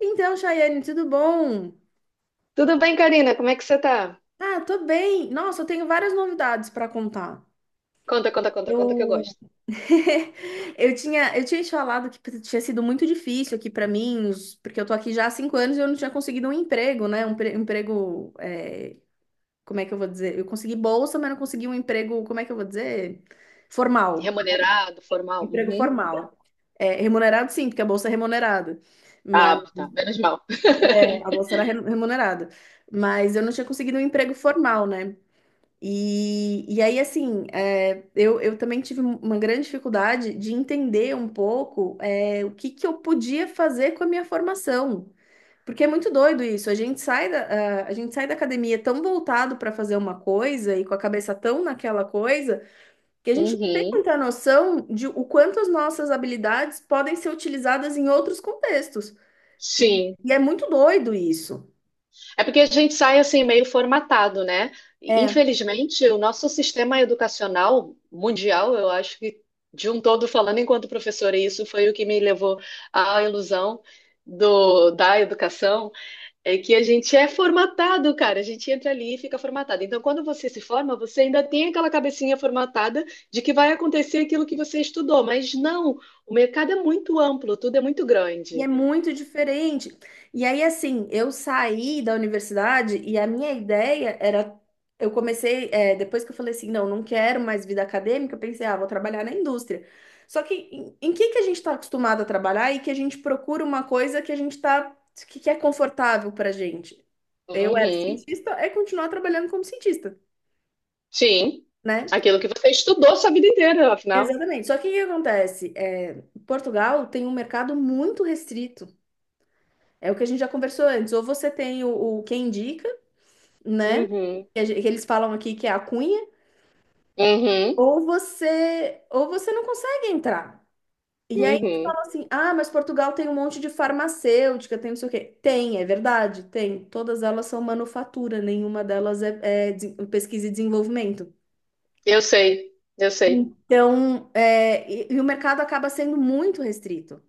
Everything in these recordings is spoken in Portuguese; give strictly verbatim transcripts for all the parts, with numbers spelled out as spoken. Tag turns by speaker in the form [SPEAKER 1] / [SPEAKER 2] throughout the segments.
[SPEAKER 1] Então, Chayane, tudo bom?
[SPEAKER 2] Tudo bem, Karina? Como é que você tá?
[SPEAKER 1] Ah, tô bem. Nossa, eu tenho várias novidades para contar.
[SPEAKER 2] Conta, conta, conta, conta que eu
[SPEAKER 1] Eu
[SPEAKER 2] gosto.
[SPEAKER 1] eu tinha eu tinha te falado que tinha sido muito difícil aqui para mim, os- porque eu tô aqui já há cinco anos e eu não tinha conseguido um emprego, né? Um pre- um emprego, é, como é que eu vou dizer? Eu consegui bolsa, mas não consegui um emprego, como é que eu vou dizer? Formal.
[SPEAKER 2] Remunerado, formal?
[SPEAKER 1] Emprego
[SPEAKER 2] Uhum.
[SPEAKER 1] formal. É, remunerado sim, porque a bolsa é remunerada. Mas
[SPEAKER 2] Ah, tá. Menos mal.
[SPEAKER 1] é, a bolsa era re- remunerada. Mas eu não tinha conseguido um emprego formal, né? E, e aí, assim, é, eu, eu também tive um, uma grande dificuldade de entender um pouco, é, o que que eu podia fazer com a minha formação. Porque é muito doido isso. A gente sai da, a, a gente sai da academia tão voltado para fazer uma coisa e com a cabeça tão naquela coisa que a gente não tem
[SPEAKER 2] Uhum.
[SPEAKER 1] muita noção de o quanto as nossas habilidades podem ser utilizadas em outros contextos. E,
[SPEAKER 2] Sim.
[SPEAKER 1] e é muito doido isso.
[SPEAKER 2] É porque a gente sai assim meio formatado, né?
[SPEAKER 1] É.
[SPEAKER 2] Infelizmente, o nosso sistema educacional mundial, eu acho que de um todo falando enquanto professora, e isso foi o que me levou à ilusão do, da educação. É que a gente é formatado, cara. A gente entra ali e fica formatado. Então, quando você se forma, você ainda tem aquela cabecinha formatada de que vai acontecer aquilo que você estudou. Mas não, o mercado é muito amplo, tudo é muito
[SPEAKER 1] E é
[SPEAKER 2] grande.
[SPEAKER 1] muito diferente. E aí, assim, eu saí da universidade e a minha ideia era. Eu comecei, é, depois que eu falei assim, não, não quero mais vida acadêmica, eu pensei, ah, vou trabalhar na indústria. Só que em, em que que a gente está acostumado a trabalhar e que a gente procura uma coisa que a gente tá, que, que é confortável pra gente? Eu era
[SPEAKER 2] Uhum.
[SPEAKER 1] cientista, é continuar trabalhando como cientista,
[SPEAKER 2] Sim.
[SPEAKER 1] né?
[SPEAKER 2] Aquilo que você estudou sua vida inteira, afinal.
[SPEAKER 1] Exatamente. Só que o que acontece? É, Portugal tem um mercado muito restrito. É o que a gente já conversou antes. Ou você tem o, o quem indica, né?
[SPEAKER 2] Uhum.
[SPEAKER 1] Que, a gen- que eles falam aqui que é a cunha,
[SPEAKER 2] Uhum.
[SPEAKER 1] ou você, ou você não consegue entrar. E aí eles
[SPEAKER 2] Uhum.
[SPEAKER 1] falam assim: ah, mas Portugal tem um monte de farmacêutica, tem não sei o quê. Tem, é verdade, tem. Todas elas são manufatura, nenhuma delas é, é de- pesquisa e desenvolvimento.
[SPEAKER 2] Eu sei, eu sei.
[SPEAKER 1] Então, é, e e o mercado acaba sendo muito restrito.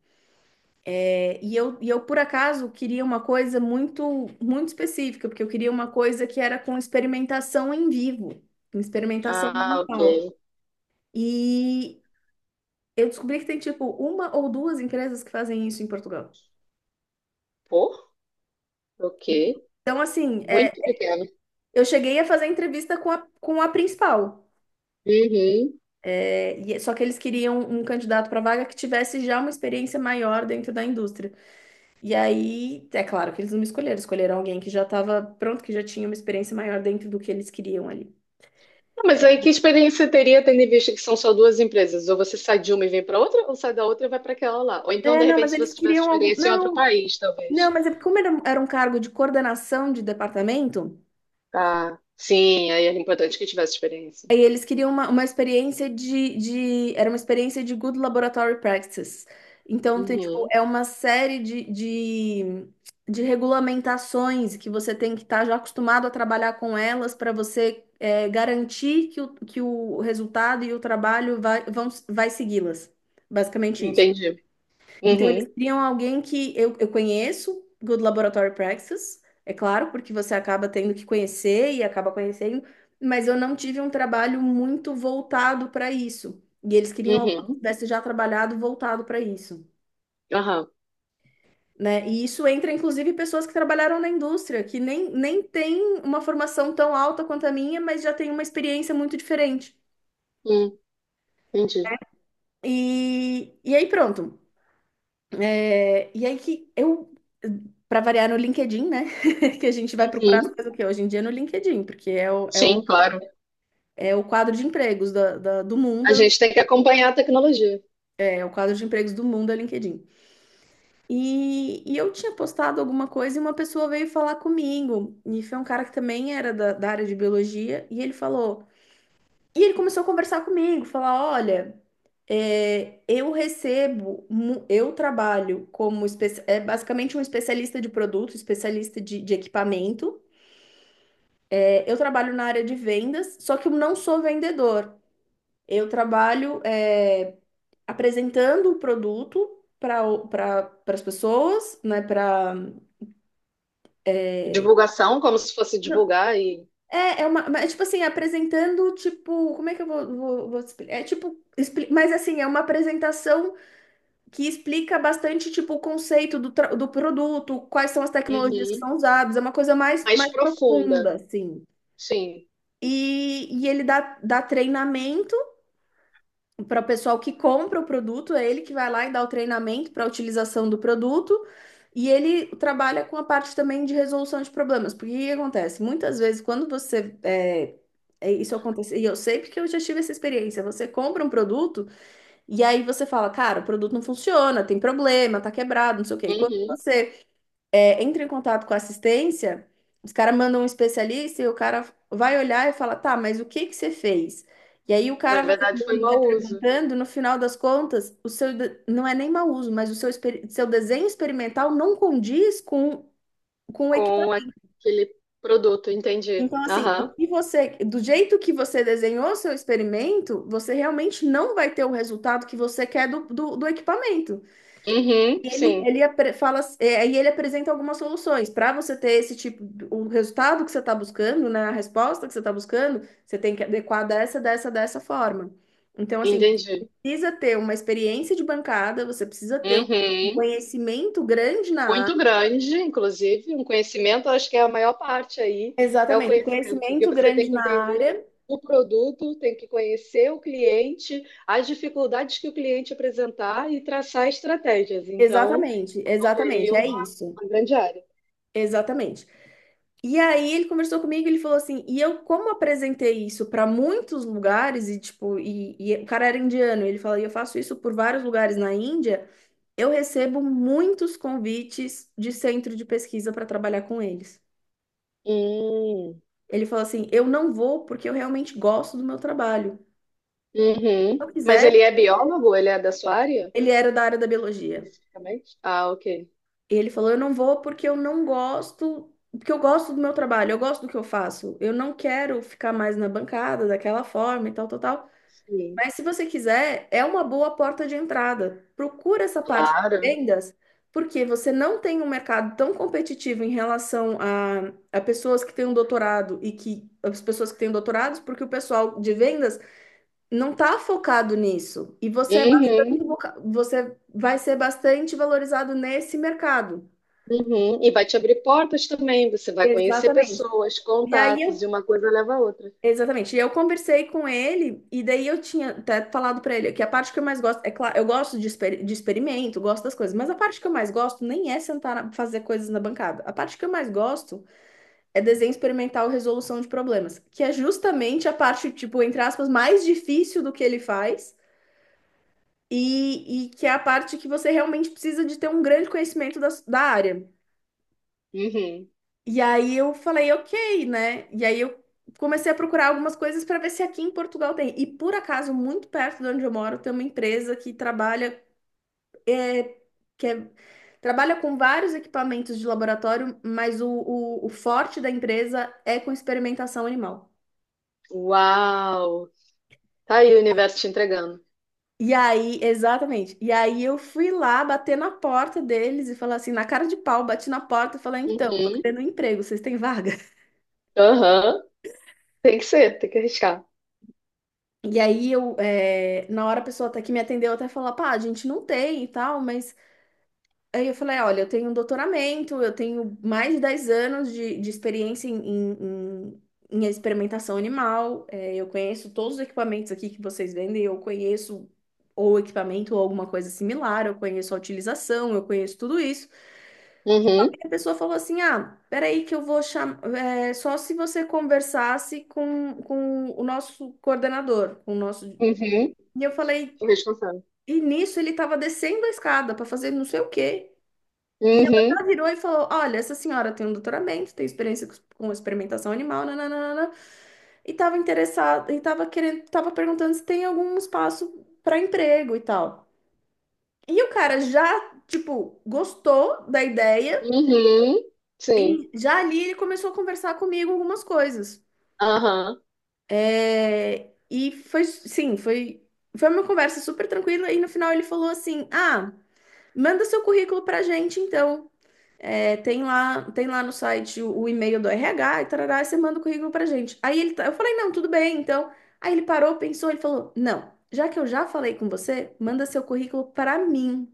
[SPEAKER 1] É, E eu, e eu, por acaso, queria uma coisa muito, muito específica, porque eu queria uma coisa que era com experimentação em vivo, com experimentação
[SPEAKER 2] Ah, ok.
[SPEAKER 1] mental. E eu descobri que tem, tipo, uma ou duas empresas que fazem isso em Portugal.
[SPEAKER 2] Pô, ok.
[SPEAKER 1] Então, assim, é,
[SPEAKER 2] Muito pequeno.
[SPEAKER 1] eu cheguei a fazer entrevista com a, com a principal,
[SPEAKER 2] Uhum.
[SPEAKER 1] é, e- é, só que eles queriam um candidato para vaga que tivesse já uma experiência maior dentro da indústria. E aí, é claro que eles não me escolheram, escolheram alguém que já estava pronto, que já tinha uma experiência maior dentro do que eles queriam ali.
[SPEAKER 2] Mas aí que experiência teria tendo em vista que são só duas empresas? Ou você sai de uma e vem para outra, ou sai da outra e vai para aquela lá. Ou então,
[SPEAKER 1] É,
[SPEAKER 2] de
[SPEAKER 1] não,
[SPEAKER 2] repente,
[SPEAKER 1] mas
[SPEAKER 2] se
[SPEAKER 1] eles
[SPEAKER 2] você tivesse
[SPEAKER 1] queriam algum.
[SPEAKER 2] experiência em outro
[SPEAKER 1] Não,
[SPEAKER 2] país,
[SPEAKER 1] não,
[SPEAKER 2] talvez.
[SPEAKER 1] mas é porque como era, um, era um cargo de coordenação de departamento,
[SPEAKER 2] Tá. Sim, aí era importante que tivesse experiência.
[SPEAKER 1] aí eles queriam uma, uma experiência de, de. Era uma experiência de Good Laboratory Practices. Então, tem, tipo,
[SPEAKER 2] Uhum.
[SPEAKER 1] é uma série de, de, de regulamentações que você tem que estar já acostumado a trabalhar com elas para você é, garantir que o, que o resultado e o trabalho vai, vão, vai segui-las. Basicamente isso.
[SPEAKER 2] Entendi.
[SPEAKER 1] Então, eles
[SPEAKER 2] Uhum.
[SPEAKER 1] criam alguém que eu, eu conheço, Good Laboratory Practices, é claro, porque você acaba tendo que conhecer e acaba conhecendo, mas eu não tive um trabalho muito voltado para isso. E eles queriam alguém que
[SPEAKER 2] Uhum.
[SPEAKER 1] tivesse já trabalhado voltado para isso,
[SPEAKER 2] Aham.
[SPEAKER 1] né? E isso entra, inclusive, pessoas que trabalharam na indústria, que nem, nem tem uma formação tão alta quanto a minha, mas já tem uma experiência muito diferente.
[SPEAKER 2] Hum, entendi.
[SPEAKER 1] E, e aí, pronto. É, e aí que eu, para variar no LinkedIn, né? Que a gente vai procurar as
[SPEAKER 2] Uhum.
[SPEAKER 1] coisas o quê? Hoje em dia no LinkedIn, porque é o, é o,
[SPEAKER 2] Sim, claro.
[SPEAKER 1] é o quadro de empregos da- da- do mundo,
[SPEAKER 2] A
[SPEAKER 1] é o
[SPEAKER 2] gente tem que acompanhar a tecnologia.
[SPEAKER 1] é o quadro de empregos do mundo é o LinkedIn. E, e eu tinha postado alguma coisa e uma pessoa veio falar comigo. E foi um cara que também era da, da área de biologia, e ele falou. E ele começou a conversar comigo, falar: olha. É, eu recebo, mu- eu trabalho como espe- é basicamente um especialista de produto, especialista de, de equipamento. É, eu trabalho na área de vendas, só que eu não sou vendedor. Eu trabalho é, apresentando o produto para para as pessoas, né? Para
[SPEAKER 2] Divulgação, como se fosse divulgar e
[SPEAKER 1] é, é uma, mas, tipo assim, apresentando, tipo, como é que eu vou, vou, vou te explicar? É tipo, expli- mas assim, é uma apresentação que explica bastante tipo o conceito do, tra- do produto, quais são as tecnologias que
[SPEAKER 2] Uhum.
[SPEAKER 1] são usadas, é uma coisa mais,
[SPEAKER 2] Mais
[SPEAKER 1] mais
[SPEAKER 2] profunda.
[SPEAKER 1] profunda, assim.
[SPEAKER 2] Sim.
[SPEAKER 1] E, e ele dá, dá treinamento para o pessoal que compra o produto, é ele que vai lá e dá o treinamento para a utilização do produto. E ele trabalha com a parte também de resolução de problemas, porque o que que acontece? Muitas vezes, quando você. É, é, isso acontece, e eu sei porque eu já tive essa experiência, você compra um produto. E aí você fala, cara, o produto não funciona, tem problema, tá quebrado, não sei o quê. E quando
[SPEAKER 2] Uhum.
[SPEAKER 1] você é, entra em contato com a assistência, os caras mandam um especialista e o cara vai olhar e fala, tá, mas o que que você fez? E aí o
[SPEAKER 2] Na
[SPEAKER 1] cara vai
[SPEAKER 2] verdade,
[SPEAKER 1] olhando,
[SPEAKER 2] foi
[SPEAKER 1] ele vai
[SPEAKER 2] mau uso.
[SPEAKER 1] perguntando, no final das contas, o seu de- não é nem mau uso, mas o seu, exper- seu desenho experimental não condiz com, com o
[SPEAKER 2] Com
[SPEAKER 1] equipamento.
[SPEAKER 2] aquele produto, entendi.
[SPEAKER 1] Então, assim, o
[SPEAKER 2] Aham.
[SPEAKER 1] que você, do jeito que você desenhou o seu experimento, você realmente não vai ter o resultado que você quer do, do do equipamento.
[SPEAKER 2] Uhum,
[SPEAKER 1] Ele,
[SPEAKER 2] sim,
[SPEAKER 1] ele apre- fala, é, e ele apresenta algumas soluções. Para você ter esse tipo, o resultado que você está buscando, né, a resposta que você está buscando, você tem que adequar dessa, dessa, dessa forma. Então, assim,
[SPEAKER 2] entendi.
[SPEAKER 1] precisa ter uma experiência de bancada, você precisa ter um
[SPEAKER 2] Uhum.
[SPEAKER 1] conhecimento grande na
[SPEAKER 2] Muito
[SPEAKER 1] área.
[SPEAKER 2] grande, inclusive, um conhecimento, acho que é a maior parte aí, é o
[SPEAKER 1] Exatamente,
[SPEAKER 2] conhecimento, porque
[SPEAKER 1] conhecimento
[SPEAKER 2] você
[SPEAKER 1] grande
[SPEAKER 2] tem que
[SPEAKER 1] na
[SPEAKER 2] entender
[SPEAKER 1] área.
[SPEAKER 2] o produto, tem que conhecer o cliente, as dificuldades que o cliente apresentar e traçar estratégias. Então,
[SPEAKER 1] Exatamente,
[SPEAKER 2] tem aí
[SPEAKER 1] exatamente, é
[SPEAKER 2] uma,
[SPEAKER 1] isso.
[SPEAKER 2] uma grande área.
[SPEAKER 1] Exatamente. E aí ele conversou comigo, ele falou assim, e eu como apresentei isso para muitos lugares e tipo, e, e o cara era indiano, ele falou, e eu faço isso por vários lugares na Índia, eu recebo muitos convites de centro de pesquisa para trabalhar com eles.
[SPEAKER 2] Hum,
[SPEAKER 1] Ele falou assim, eu não vou porque eu realmente gosto do meu trabalho.
[SPEAKER 2] uhum.
[SPEAKER 1] Se eu
[SPEAKER 2] Mas
[SPEAKER 1] quiser,
[SPEAKER 2] ele é biólogo? Ele é da sua área,
[SPEAKER 1] ele era da área da biologia.
[SPEAKER 2] especificamente? Ah, ok.
[SPEAKER 1] Ele falou, eu não vou porque eu não gosto, porque eu gosto do meu trabalho, eu gosto do que eu faço. Eu não quero ficar mais na bancada daquela forma e tal, tal, tal.
[SPEAKER 2] Sim.
[SPEAKER 1] Mas se você quiser, é uma boa porta de entrada. Procura essa parte de
[SPEAKER 2] Claro.
[SPEAKER 1] vendas, porque você não tem um mercado tão competitivo em relação a, a pessoas que têm um doutorado e que as pessoas que têm doutorados, porque o pessoal de vendas não está focado nisso. E você é bastante,
[SPEAKER 2] Uhum,
[SPEAKER 1] voca- você vai ser bastante valorizado nesse mercado.
[SPEAKER 2] uhum. E vai te abrir portas também. Você vai conhecer
[SPEAKER 1] Exatamente.
[SPEAKER 2] pessoas,
[SPEAKER 1] E aí
[SPEAKER 2] contatos, e
[SPEAKER 1] eu
[SPEAKER 2] uma coisa leva a outra.
[SPEAKER 1] Exatamente. E eu conversei com ele, e daí eu tinha até falado pra ele que a parte que eu mais gosto, é claro, eu gosto de, exper- de experimento, gosto das coisas, mas a parte que eu mais gosto nem é sentar, na- fazer coisas na bancada. A parte que eu mais gosto é desenho experimental, resolução de problemas, que é justamente a parte, tipo, entre aspas, mais difícil do que ele faz, e, e que é a parte que você realmente precisa de ter um grande conhecimento da, da área.
[SPEAKER 2] Uhum.
[SPEAKER 1] E aí eu falei, ok, né? E aí eu comecei a procurar algumas coisas para ver se aqui em Portugal tem. E por acaso, muito perto de onde eu moro, tem uma empresa que trabalha, é, que é- trabalha com vários equipamentos de laboratório, mas o, o, o forte da empresa é com experimentação animal.
[SPEAKER 2] Uau! Tá aí o universo te entregando.
[SPEAKER 1] E aí, exatamente. E aí eu fui lá bater na porta deles e falar assim, na cara de pau, bati na porta e falei, então, tô
[SPEAKER 2] Uhum.
[SPEAKER 1] querendo um emprego, vocês têm vaga?
[SPEAKER 2] Aham. Tem que ser, tem que arriscar.
[SPEAKER 1] E aí eu, eh, na hora a pessoa até que me atendeu até falou, pá, a gente não tem e tal, mas aí eu falei, olha, eu tenho um doutoramento, eu tenho mais de dez anos de, de experiência em, em, em- em experimentação animal, eh, eu conheço todos os equipamentos aqui que vocês vendem, eu conheço ou equipamento ou alguma coisa similar, eu conheço a utilização, eu conheço tudo isso.
[SPEAKER 2] Uhum.
[SPEAKER 1] E a pessoa falou assim, ah, peraí que eu vou chamar, é, só se você conversasse com, com o nosso coordenador, com o nosso...
[SPEAKER 2] Uhum.
[SPEAKER 1] E eu falei,
[SPEAKER 2] Tô responsável.
[SPEAKER 1] E nisso ele estava descendo a escada para fazer não sei o quê. E ela já
[SPEAKER 2] Uhum.
[SPEAKER 1] virou e falou: "Olha, essa senhora tem um doutoramento, tem experiência com com experimentação animal, nananana, e estava interessada, e estava querendo, estava perguntando se tem algum espaço para emprego e tal." E o cara já, tipo, gostou da ideia,
[SPEAKER 2] Uhum. Sim.
[SPEAKER 1] e já ali ele começou a conversar comigo algumas coisas.
[SPEAKER 2] Aham.
[SPEAKER 1] É, e foi, sim, foi, foi uma conversa super tranquila, e no final ele falou assim: "Ah. Manda seu currículo pra gente, então. É, tem lá, tem lá no site o, o e-mail do R H e tarará, e você manda o currículo pra gente." Aí ele, tá- eu falei: "Não, tudo bem, então." Aí ele parou, pensou, ele falou: "Não, já que eu já falei com você, manda seu currículo pra mim."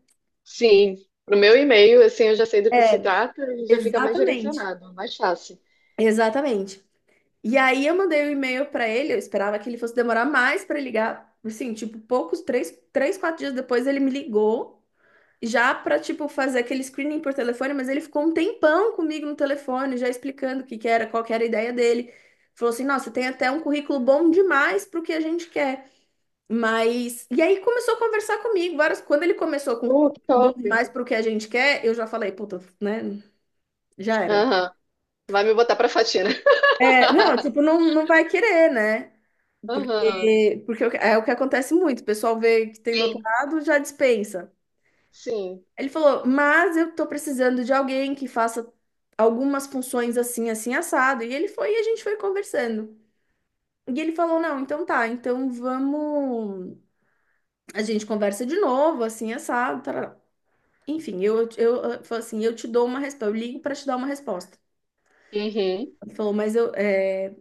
[SPEAKER 2] Sim. Pro meu e-mail, assim, eu já sei do que se
[SPEAKER 1] É,
[SPEAKER 2] trata e já fica mais
[SPEAKER 1] exatamente.
[SPEAKER 2] direcionado, mais fácil.
[SPEAKER 1] Exatamente. E aí eu mandei o e-mail pra ele, eu esperava que ele fosse demorar mais pra ligar. Assim, tipo, poucos, três, três, quatro dias depois ele me ligou já para tipo fazer aquele screening por telefone, mas ele ficou um tempão comigo no telefone, já explicando o que que era, qual que era a ideia dele. Falou assim: "Nossa, tem até um currículo bom demais pro que a gente quer." Mas e aí começou a conversar comigo, várias quando ele começou com
[SPEAKER 2] Uh,
[SPEAKER 1] currículo
[SPEAKER 2] que
[SPEAKER 1] bom
[SPEAKER 2] top.
[SPEAKER 1] demais pro que a gente quer, eu já falei: "Puta, né? Já era."
[SPEAKER 2] Aham. Vai me botar pra faxina.
[SPEAKER 1] É, não, tipo, não, não vai querer, né?
[SPEAKER 2] Aham.
[SPEAKER 1] Porque, porque é o que acontece muito, o pessoal vê que tem
[SPEAKER 2] Bem,
[SPEAKER 1] doutorado, já dispensa.
[SPEAKER 2] sim.
[SPEAKER 1] Ele falou: "Mas eu tô precisando de alguém que faça algumas funções assim, assim, assado." E ele foi e a gente foi conversando. E ele falou: "Não, então tá, então vamos. A gente conversa de novo, assim, assado, tarará." Enfim, eu, eu, eu falei assim: "Eu te dou uma resposta, eu ligo pra te dar uma resposta."
[SPEAKER 2] Uhum.
[SPEAKER 1] Ele falou: "Mas eu, é,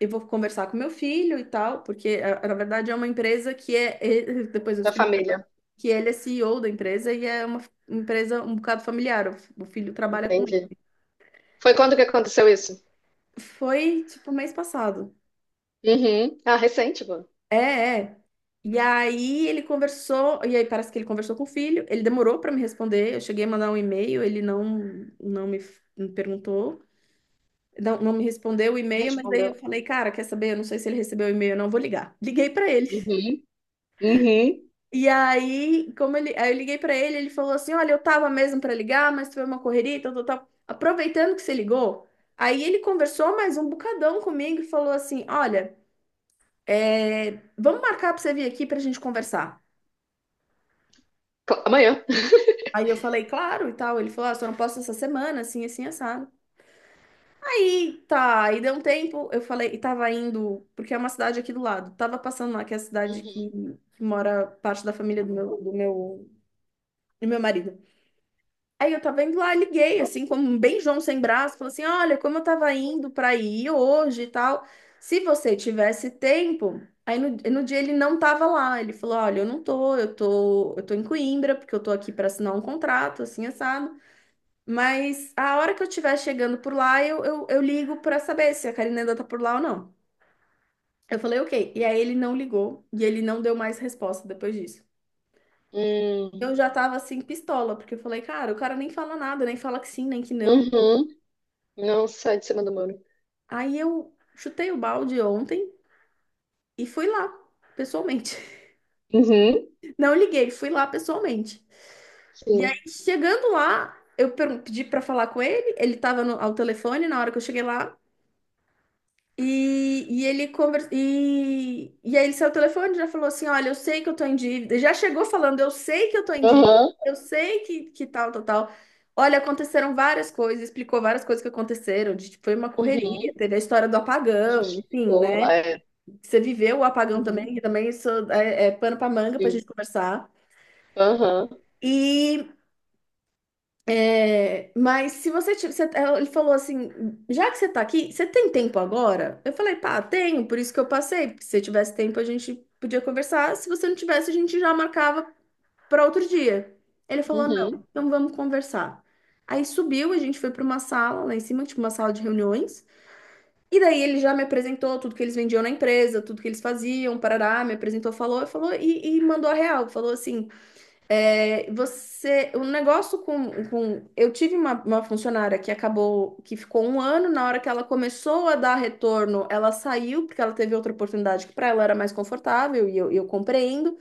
[SPEAKER 1] eu vou conversar com meu filho e tal, porque a- na verdade é uma empresa que é- é-" Depois eu
[SPEAKER 2] Da
[SPEAKER 1] descobri
[SPEAKER 2] família.
[SPEAKER 1] que ele é C E O da empresa e é uma f- empresa um bocado familiar, o f- o filho trabalha com ele.
[SPEAKER 2] Entendi. Foi quando que aconteceu isso?
[SPEAKER 1] Foi, tipo, mês passado.
[SPEAKER 2] Uhum. Ah, recente, pô.
[SPEAKER 1] É, é. E aí ele conversou, e aí parece que ele conversou com o filho, ele demorou para me responder, eu cheguei a mandar um e-mail, ele não, não me, me perguntou, não, não me respondeu o
[SPEAKER 2] Me
[SPEAKER 1] e-mail, mas daí eu
[SPEAKER 2] respondeu.
[SPEAKER 1] falei: "Cara, quer saber? Eu não sei se ele recebeu o e-mail, ou não. Vou ligar." Liguei para ele.
[SPEAKER 2] Uhum. Uhum.
[SPEAKER 1] E aí, como ele, aí eu liguei para ele, ele falou assim: "Olha, eu tava mesmo para ligar, mas foi uma correria, e tal, tal, tal. Aproveitando que você ligou..." Aí ele conversou mais um bocadão comigo e falou assim: "Olha... é, vamos marcar pra você vir aqui pra gente conversar."
[SPEAKER 2] Co- amanhã.
[SPEAKER 1] Aí eu falei: "Claro", e tal. Ele falou: "Ah, só não posso essa semana, assim, assim, assado." Aí, tá, aí deu um tempo, eu falei, e tava indo, porque é uma cidade aqui do lado. Tava passando lá, que é a cidade que, que mora parte da família do meu, do meu, do meu marido. Aí eu tava indo lá, liguei, assim, como bem João sem braço, falei assim: "Olha, como eu tava indo pra ir hoje e tal, se você tivesse tempo..." Aí no, no dia ele não tava lá, ele falou: "Olha, eu não tô, eu tô, eu tô em Coimbra, porque eu tô aqui pra assinar um contrato, assim, assado. Mas a hora que eu estiver chegando por lá, eu, eu, eu ligo pra saber se a Karina ainda tá por lá ou não." Eu falei: "Ok." E aí ele não ligou, e ele não deu mais resposta depois disso.
[SPEAKER 2] Hum.
[SPEAKER 1] Eu já tava assim, pistola, porque eu falei: "Cara, o cara nem fala nada, nem fala que sim, nem que não."
[SPEAKER 2] Uhum. Não sai de cima do muro.
[SPEAKER 1] Aí eu chutei o balde ontem e fui lá, pessoalmente.
[SPEAKER 2] Uhum.
[SPEAKER 1] Não liguei, fui lá pessoalmente. E aí,
[SPEAKER 2] Sim.
[SPEAKER 1] chegando lá, eu per- pedi pra falar com ele, ele tava no, ao telefone na hora que eu cheguei lá. E, e ele conversa e, e aí ele saiu o telefone e já falou assim: "Olha, eu sei que eu tô em dívida." Já chegou falando: "Eu sei que eu tô em dívida,
[SPEAKER 2] Aham.
[SPEAKER 1] eu sei que, que tal, tal, tal. Olha, aconteceram várias coisas", explicou várias coisas que aconteceram, de, tipo, foi uma correria,
[SPEAKER 2] Uhum.
[SPEAKER 1] teve a história do apagão, enfim,
[SPEAKER 2] Justificou.
[SPEAKER 1] né?
[SPEAKER 2] É.
[SPEAKER 1] Você viveu o apagão também,
[SPEAKER 2] Uhum.
[SPEAKER 1] e também isso é, é pano para manga para a
[SPEAKER 2] Sim.
[SPEAKER 1] gente conversar.
[SPEAKER 2] Aham.
[SPEAKER 1] E, é, mas se você, ti- você- ele falou assim: "Já que você tá aqui, você tem tempo agora?" Eu falei: "Pá, tenho, por isso que eu passei, porque se eu tivesse tempo, a gente podia conversar. Se você não tivesse, a gente já marcava para outro dia." Ele falou: "Não,
[SPEAKER 2] Uhum.
[SPEAKER 1] então vamos conversar." Aí subiu, a gente foi para uma sala lá em cima, tipo uma sala de reuniões. E daí ele já me apresentou tudo que eles vendiam na empresa, tudo que eles faziam, parará, me apresentou, falou, falou e, e mandou a real. Falou assim: "É, você, o negócio com, com... Eu tive uma, uma funcionária que acabou, que ficou um ano, na hora que ela começou a dar retorno, ela saiu, porque ela teve outra oportunidade que para ela era mais confortável, e eu, eu compreendo.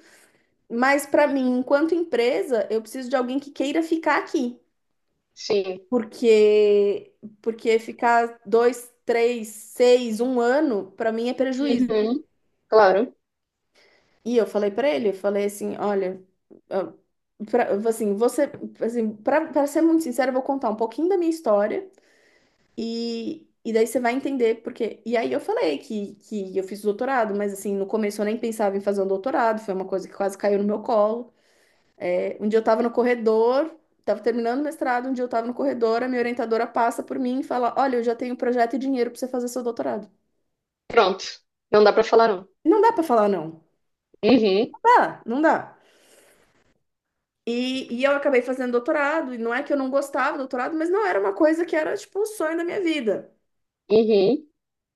[SPEAKER 1] Mas para mim, enquanto empresa, eu preciso de alguém que queira ficar aqui.
[SPEAKER 2] Sim.
[SPEAKER 1] Porque, porque ficar dois, três, seis, um ano, para mim é prejuízo."
[SPEAKER 2] Uhum. Claro.
[SPEAKER 1] E eu falei para ele, eu falei assim: "Olha, ah, pra, assim, você, assim, para ser muito sincero, eu vou contar um pouquinho da minha história e, e daí você vai entender porque." E aí eu falei que, que eu fiz doutorado, mas assim, no começo eu nem pensava em fazer um doutorado, foi uma coisa que quase caiu no meu colo. Um dia eu estava no corredor, estava terminando o mestrado, um dia eu estava no corredor, a minha orientadora passa por mim e fala: "Olha, eu já tenho projeto e dinheiro para você fazer seu doutorado."
[SPEAKER 2] Pronto. Não dá pra falar não.
[SPEAKER 1] Não dá para falar não.
[SPEAKER 2] Uhum.
[SPEAKER 1] Ah, não dá. E, e eu acabei fazendo doutorado, e não é que eu não gostava do doutorado, mas não era uma coisa que era, tipo, o sonho da minha vida.
[SPEAKER 2] Uhum.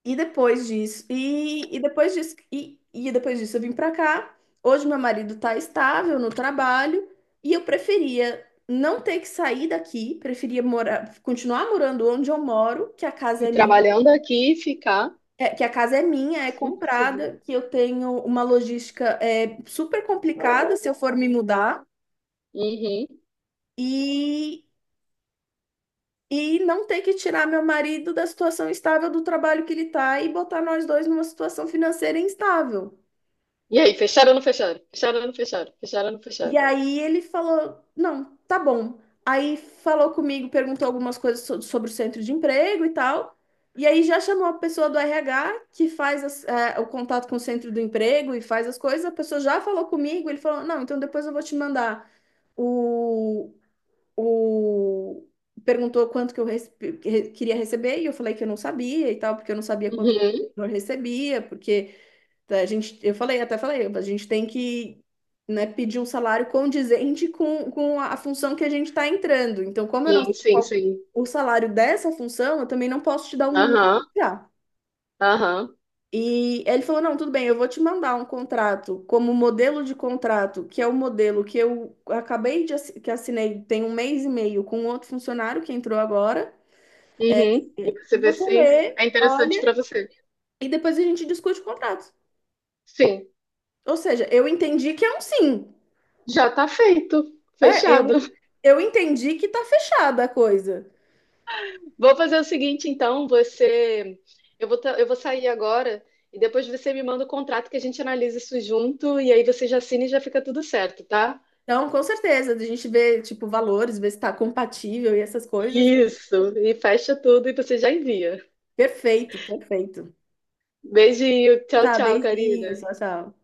[SPEAKER 1] E depois disso, e, e depois disso, e, e depois disso eu vim pra cá. Hoje meu marido tá estável no trabalho e eu preferia não ter que sair daqui, preferia morar, continuar morando onde eu moro, que a
[SPEAKER 2] E
[SPEAKER 1] casa é minha,
[SPEAKER 2] trabalhando aqui, ficar
[SPEAKER 1] é- que a casa é minha, é
[SPEAKER 2] assim possível.
[SPEAKER 1] comprada, que eu tenho uma logística é, super complicada se eu for me mudar
[SPEAKER 2] Uhum.
[SPEAKER 1] e E não ter que tirar meu marido da situação estável do trabalho que ele tá e botar nós dois numa situação financeira instável.
[SPEAKER 2] E aí, fecharam ou não fecharam? Fecharam ou não fecharam? Fecharam ou não
[SPEAKER 1] E
[SPEAKER 2] fecharam?
[SPEAKER 1] aí ele falou: "Não, tá bom." Aí falou comigo, perguntou algumas coisas so- sobre o centro de emprego e tal. E aí já chamou a pessoa do R H que faz as- é, o contato com o centro do emprego e faz as coisas. A pessoa já falou comigo, ele falou: "Não, então depois eu vou te mandar o, o... Perguntou quanto que eu rece- que re- queria receber, e eu falei que eu não sabia e tal, porque eu não sabia quanto que
[SPEAKER 2] Uhum.
[SPEAKER 1] eu recebia, porque tá, a gente, eu falei, até falei: "A gente tem que, né, pedir um salário condizente com, com a função que a gente está entrando. Então, como eu não
[SPEAKER 2] Sim,
[SPEAKER 1] sei
[SPEAKER 2] sim,
[SPEAKER 1] qual
[SPEAKER 2] sim.
[SPEAKER 1] o salário dessa função, eu também não posso te dar um número
[SPEAKER 2] Aham,
[SPEAKER 1] já."
[SPEAKER 2] aham.
[SPEAKER 1] E ele falou: "Não, tudo bem, eu vou te mandar um contrato como modelo de contrato, que é o modelo que eu acabei de assi- que assinei tem um mês e meio com um outro funcionário que entrou agora.
[SPEAKER 2] Uhum. E você vê
[SPEAKER 1] Você
[SPEAKER 2] se
[SPEAKER 1] lê,
[SPEAKER 2] é interessante para
[SPEAKER 1] olha,
[SPEAKER 2] você.
[SPEAKER 1] e depois a gente discute o contrato."
[SPEAKER 2] Sim,
[SPEAKER 1] Ou seja, eu entendi que é um sim.
[SPEAKER 2] já tá feito,
[SPEAKER 1] É, eu
[SPEAKER 2] fechado.
[SPEAKER 1] eu entendi que tá fechada a coisa.
[SPEAKER 2] Vou fazer o seguinte, então, você. Eu vou, ta- eu vou sair agora e depois você me manda o contrato que a gente analisa isso junto e aí você já assina e já fica tudo certo, tá?
[SPEAKER 1] Então, com certeza, a gente vê, tipo, valores, vê se tá compatível e essas coisas.
[SPEAKER 2] Isso, e fecha tudo e você já envia.
[SPEAKER 1] Perfeito, perfeito.
[SPEAKER 2] Beijinho, tchau,
[SPEAKER 1] Tá,
[SPEAKER 2] tchau,
[SPEAKER 1] beijinho,
[SPEAKER 2] Karina.
[SPEAKER 1] tchau, tchau.